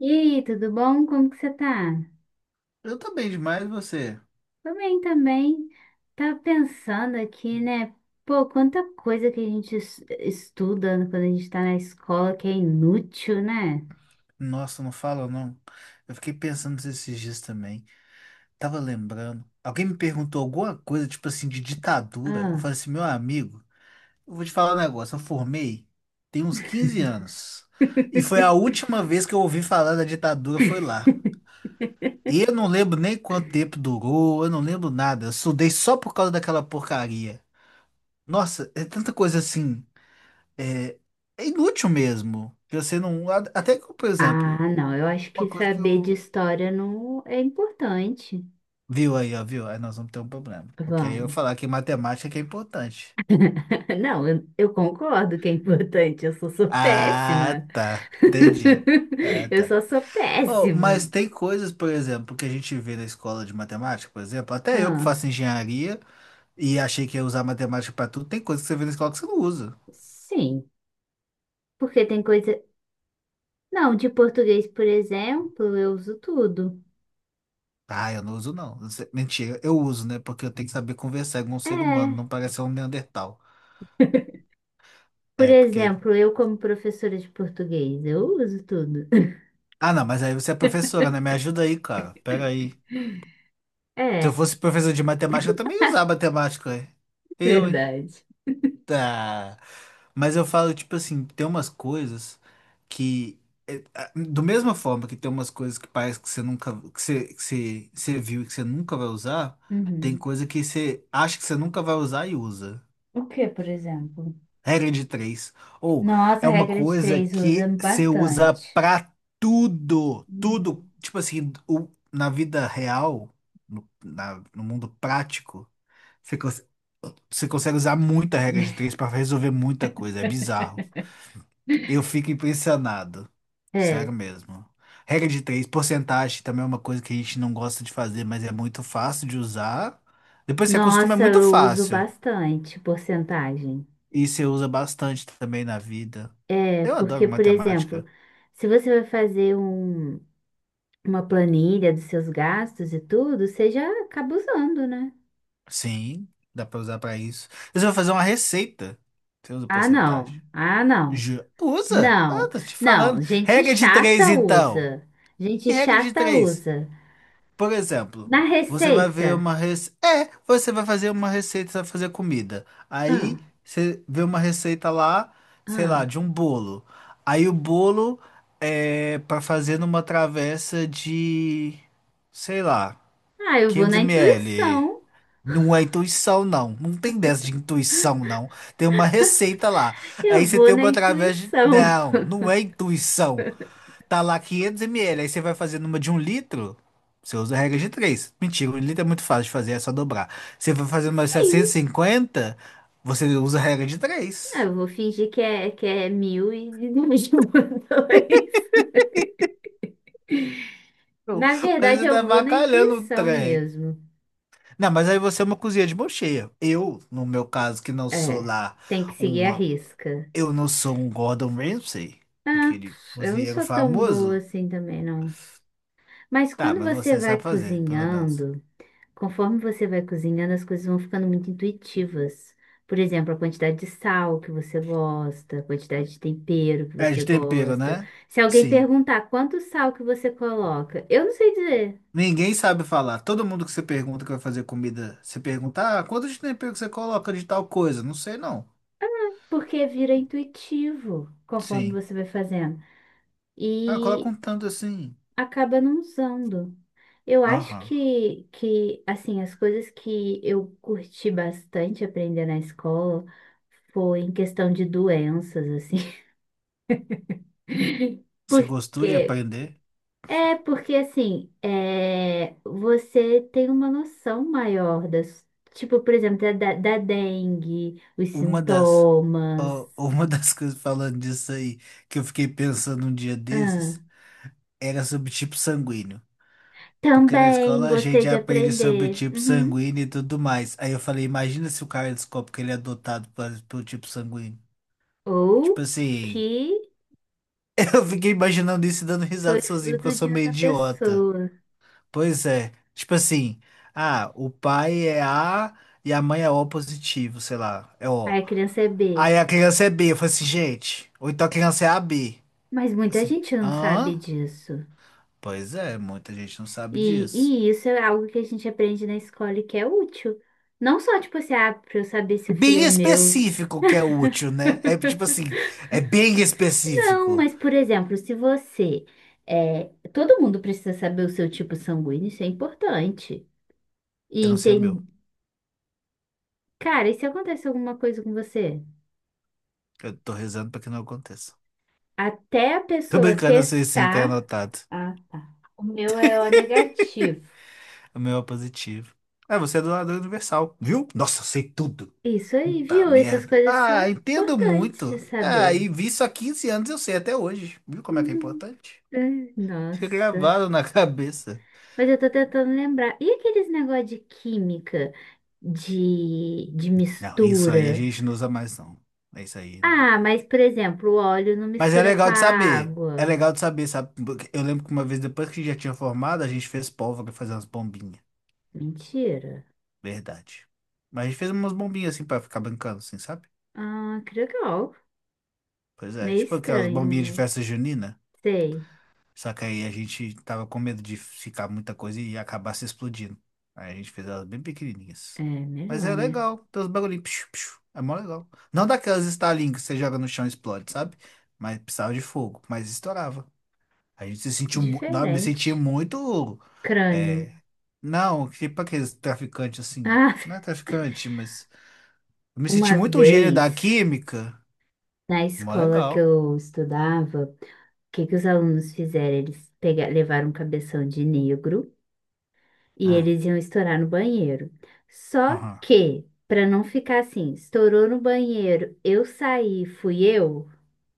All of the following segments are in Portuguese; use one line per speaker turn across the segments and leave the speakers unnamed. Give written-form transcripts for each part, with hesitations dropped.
E aí, tudo bom? Como que você tá?
Eu tô bem demais, você?
Tô bem também. Tava pensando aqui, né? Pô, quanta coisa que a gente estuda quando a gente tá na escola que é inútil, né?
Nossa, não fala não. Eu fiquei pensando nisso esses dias também. Tava lembrando. Alguém me perguntou alguma coisa, tipo assim, de ditadura. Eu
Ah.
falei assim, meu amigo, eu vou te falar um negócio. Eu formei tem uns 15 anos. E foi a última vez que eu ouvi falar da ditadura, foi lá. E eu não lembro nem quanto tempo durou, eu não lembro nada. Eu estudei só por causa daquela porcaria. Nossa, é tanta coisa assim. É, é inútil mesmo. Que você não. Até que, por exemplo.
Ah, não, eu acho que
Uma coisa que
saber de
eu.
história não é importante.
Viu aí, ó, viu? Aí nós vamos ter um problema. Porque aí eu
Vamos.
falar que matemática que é importante.
Não, eu concordo que é importante, eu só sou
Ah,
péssima.
tá. Entendi. Ah,
Eu
tá.
só sou
Oh, mas
péssima.
tem coisas, por exemplo, que a gente vê na escola de matemática, por exemplo, até eu que
Ah,
faço engenharia e achei que ia usar matemática pra tudo, tem coisas que você vê na escola que você não usa.
sim. Porque tem coisa. Não, de português, por exemplo, eu uso tudo.
Ah, eu não uso, não. Mentira, eu uso, né? Porque eu tenho que saber conversar com um ser humano, não
É.
parecer um Neandertal.
Por
É, porque.
exemplo, eu, como professora de português, eu uso tudo.
Ah, não, mas aí você é professora, né? Me ajuda aí, cara. Pera aí. Se eu
É,
fosse professor de matemática, eu também ia usar matemática. Ué. Eu, hein?
verdade.
Tá. Mas eu falo, tipo assim, tem umas coisas que. É, do mesma forma que tem umas coisas que parece que você nunca. Que você viu e que você nunca vai usar, tem
Uhum.
coisa que você acha que você nunca vai usar e usa.
O que, por exemplo?
Regra de três. Ou
Nossa,
é
a
uma
regra de
coisa
três usa
que você usa
bastante.
pra tudo. Tudo.
Uhum.
Tipo assim, o- na vida real, no mundo prático. Você, cons- você consegue usar muita regra de três para resolver muita coisa. É bizarro. Eu fico impressionado. Sério
É.
mesmo. Regra de três, porcentagem também é uma coisa que a gente não gosta de fazer, mas é muito fácil de usar. Depois você acostuma, é
Nossa,
muito
eu uso
fácil.
bastante porcentagem.
E você usa bastante também na vida.
É
Eu adoro
porque, por exemplo,
matemática.
se você vai fazer um, uma planilha dos seus gastos e tudo, você já acaba usando, né?
Sim, dá para usar para isso. Você vai fazer uma receita. Você usa
Ah,
porcentagem.
não. Ah, não.
Usa? Ah,
Não.
tô te
Não.
falando.
Gente
Regra de três,
chata
então.
usa. Gente
E regra de
chata
três?
usa.
Por exemplo,
Na
você vai
receita.
ver uma receita. É, você vai fazer uma receita, você vai fazer comida. Aí
Ah,
você vê uma receita lá, sei lá,
ah.
de um bolo. Aí o bolo é para fazer numa travessa de, sei lá,
Ah, eu vou na
500 ml.
intuição.
Não é intuição, não. Não tem dessa de intuição, não. Tem uma receita lá.
Eu
Aí você
vou
tem
na
uma travessa de.
intuição.
Não, não é intuição. Tá lá 500 ml, aí você vai fazer numa de 1 litro, você usa a regra de três. Mentira, 1 litro é muito fácil de fazer, é só dobrar. Você vai fazer uma de setecentos e
Sim.
cinquenta você usa a regra de
Ah,
três.
eu vou fingir que é mil e dividir por dois. Na
Mas
verdade,
você
eu
tá
vou na
bacalhando o
intuição
trem.
mesmo.
Não, mas aí você é uma cozinha de mão cheia. Eu, no meu caso, que não sou
É.
lá
Tem que seguir a
uma.
risca.
Eu não sou um Gordon Ramsay,
Ah,
aquele
pff, eu não
cozinheiro
sou tão boa
famoso.
assim também, não. Mas
Tá,
quando
mas
você
você
vai
sabe fazer, pelo menos.
cozinhando. Conforme você vai cozinhando, as coisas vão ficando muito intuitivas. Por exemplo, a quantidade de sal que você gosta, a quantidade de tempero que
É
você
de tempero,
gosta.
né?
Se alguém
Sim.
perguntar quanto sal que você coloca, eu não sei dizer,
Ninguém sabe falar. Todo mundo que você pergunta que vai fazer comida, você pergunta, ah, quanto de tempero que você coloca de tal coisa? Não sei, não.
porque vira intuitivo conforme
Sim.
você vai fazendo
Ah, coloca um
e
tanto assim.
acaba não usando. Eu acho
Aham.
que, que, as coisas que eu curti bastante aprender na escola foi em questão de doenças, assim.
Se gostou de
Porque
aprender,
é, porque assim, é, você tem uma noção maior das, tipo, por exemplo, da dengue, os
uma das,
sintomas.
ó, uma das coisas falando disso aí, que eu fiquei pensando um dia
Ah,
desses, era sobre tipo sanguíneo. Porque na
também
escola a
gostei
gente
de
aprende sobre
aprender.
tipo
Uhum.
sanguíneo e tudo mais. Aí eu falei, imagina se o cara descobre que ele é adotado pelo tipo sanguíneo. Tipo
Ou que
assim, eu fiquei imaginando isso e dando
foi
risada sozinho, porque eu
fruto
sou
de
meio
outra
idiota.
pessoa.
Pois é. Tipo assim, ah, o pai é A e a mãe é O positivo, sei lá, é O.
Aí a criança é B.
Aí a criança é B. Eu falei assim, gente. Ou então a criança é A B.
Mas muita
Assim,
gente não sabe
hã?
disso.
Pois é, muita gente não sabe
E,
disso.
e isso é algo que a gente aprende na escola e que é útil. Não só, tipo assim, ah, pra eu saber se o filho
Bem
é meu.
específico que é útil, né? É tipo assim, é bem
Não,
específico.
mas, por exemplo, se você. É, todo mundo precisa saber o seu tipo sanguíneo, isso é importante. E
Eu não sei o
entender.
meu.
Cara, e se acontece alguma coisa com você?
Eu tô rezando pra que não aconteça.
Até a
Tô
pessoa
brincando, eu sei sim, tá
testar.
anotado.
Ah, tá. O meu é O negativo.
O meu é positivo. Ah, você é doador universal, viu? Nossa, eu sei tudo.
Isso aí,
Puta
viu? Essas
merda.
coisas são
Ah, entendo
importantes de
muito. Ah,
saber.
e vi isso há 15 anos, eu sei até hoje. Viu como é que é
Hum,
importante?
ai,
Fica
nossa.
gravado na cabeça.
Mas eu tô tentando lembrar. E aqueles negócio de química, de
Não, isso aí a
mistura?
gente não usa mais, não. É isso aí. Não.
Ah, mas por exemplo, o óleo não
Mas é
mistura com
legal
a
de saber. É
água.
legal de saber, sabe? Porque eu lembro que uma vez, depois que já tinha formado, a gente fez pólvora fazer umas bombinhas.
Mentira.
Verdade. Mas a gente fez umas bombinhas assim pra ficar brincando, assim, sabe?
Ah, que legal.
Pois é,
Meio
tipo aquelas
estranho,
bombinhas de
mas
festa junina.
sei.
Só que aí a gente tava com medo de ficar muita coisa e acabar se explodindo. Aí a gente fez elas bem pequenininhas.
É
Mas
melhor,
é
né?
legal, tem uns bagulhinhos, psiu, psiu, é mó legal. Não daquelas Starlink que você joga no chão e explode, sabe? Mas precisava de fogo, mas estourava. A gente se sentiu. Não, eu me sentia
Diferente.
muito.
Crânio.
É... Não, tipo aqueles traficantes assim.
Ah,
Não é traficante, mas. Eu me senti
uma
muito um gênio
vez
da química.
na
Mó
escola que
legal.
eu estudava, o que que os alunos fizeram? Eles pegaram, levaram um cabeção de negro e
Hum.
eles iam estourar no banheiro. Só
Aham,
que, para não ficar assim, estourou no banheiro, eu saí, fui eu.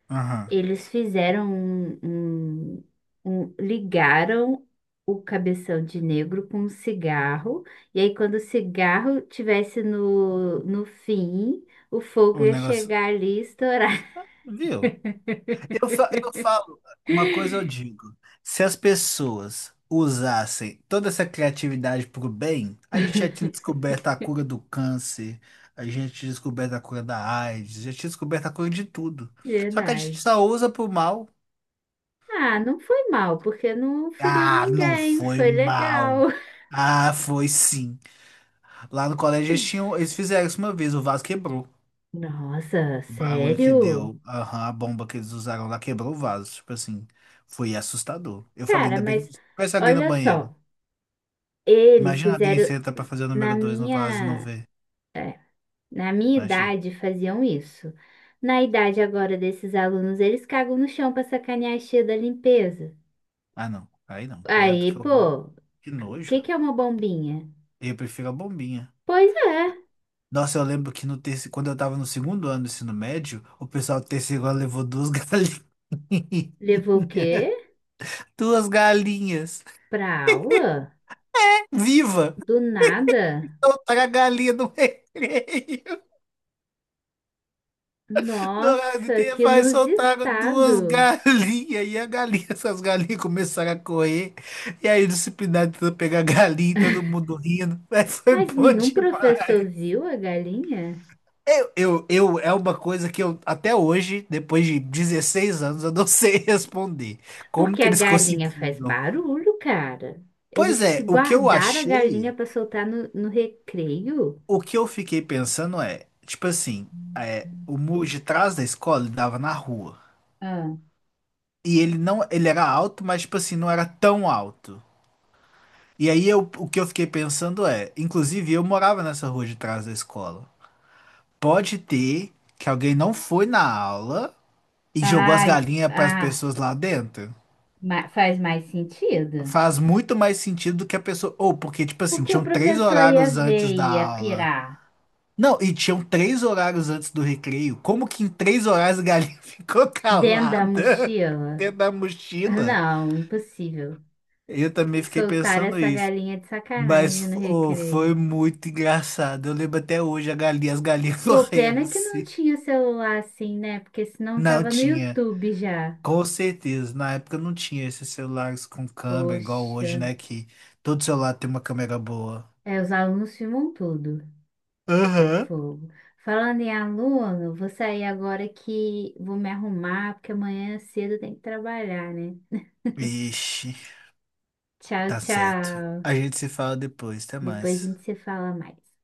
aham.
Eles fizeram um- ligaram o cabeção de negro com um cigarro, e aí quando o cigarro tivesse no, no fim, o fogo
O
ia
negócio.
chegar ali e estourar.
Ah, viu? Eu falo, uma coisa eu digo, se as pessoas usassem toda essa criatividade para o bem, a gente já tinha descoberto a cura do câncer, a gente tinha descoberto a cura da AIDS, já tinha descoberto a cura de tudo. Só que a gente
Verdade.
só usa para o mal.
Ah, não foi mal, porque não feriu
Ah, não
ninguém,
foi
foi
mal.
legal.
Ah, foi sim. Lá no colégio eles tinham, eles fizeram isso uma vez, o vaso quebrou.
Nossa,
O barulho que
sério?
deu, aham, a bomba que eles usaram lá quebrou o vaso. Tipo assim, foi assustador. Eu falei,
Cara,
ainda bem
mas
que se tivesse alguém no
olha
banheiro.
só, eles
Imagina alguém
fizeram
senta pra fazer o
na
número 2 no vaso e não
minha.
vê.
Na minha
Imagina.
idade faziam isso. Na idade agora desses alunos, eles cagam no chão para sacanear a tia da limpeza.
Ah, não. Aí não, credo, que
Aí,
horror.
pô,
Que
o que
nojo.
que é uma bombinha?
Eu prefiro a bombinha.
Pois é.
Nossa, eu lembro que no terceiro, quando eu tava no segundo ano do ensino médio, o pessoal do terceiro ano levou duas galinhas.
Levou o quê?
Duas galinhas.
Pra aula?
Viva!
Do nada?
Soltaram a galinha no recreio. Dourado
Nossa,
e
que
vai soltaram duas
inusitado.
galinhas, e a galinha, essas galinhas começaram a correr. E aí o disciplinado tentou pegar a galinha, e todo mundo rindo. Mas foi
Mas
bom
nenhum professor
demais.
viu a galinha?
Eu, é uma coisa que eu, até hoje, depois de 16 anos, eu não sei responder. Como
Porque
que
a
eles
galinha faz
conseguiram?
barulho, cara. Eles
Pois
se
é, o que eu
guardaram a
achei,
galinha para soltar no, no recreio?
o que eu fiquei pensando é, tipo assim, é, o muro de trás da escola dava na rua.
Ah.
E ele não, ele era alto, mas tipo assim, não era tão alto. E aí eu, o que eu fiquei pensando é, inclusive eu morava nessa rua de trás da escola. Pode ter que alguém não foi na aula e jogou as
Ai,
galinhas para as
ah,
pessoas lá dentro.
faz mais sentido.
Faz muito mais sentido do que a pessoa, ou porque tipo assim,
Porque o
tinham três
professor ia
horários
ver
antes
e
da
ia
aula.
pirar
Não, e tinham três horários antes do recreio. Como que em três horários a galinha ficou
dentro da
calada
mochila.
dentro da mochila?
Não, impossível.
Eu também fiquei
Soltar
pensando
essa
isso.
galinha de
Mas
sacanagem no
oh, foi
recreio.
muito engraçado. Eu lembro até hoje a galinha, as galinhas
Pô,
correndo
pena que não
assim.
tinha celular assim, né? Porque senão
Não
tava no
tinha,
YouTube já.
com certeza. Na época não tinha esses celulares com câmera, igual
Poxa.
hoje, né? Que todo celular tem uma câmera boa.
É, os alunos filmam tudo. É
Aham.
fogo. Falando em aluno, vou sair agora que vou me arrumar, porque amanhã cedo tem que trabalhar, né?
Ixi,
Tchau,
tá certo.
tchau.
A gente se fala depois, até
Depois a
mais.
gente se fala mais.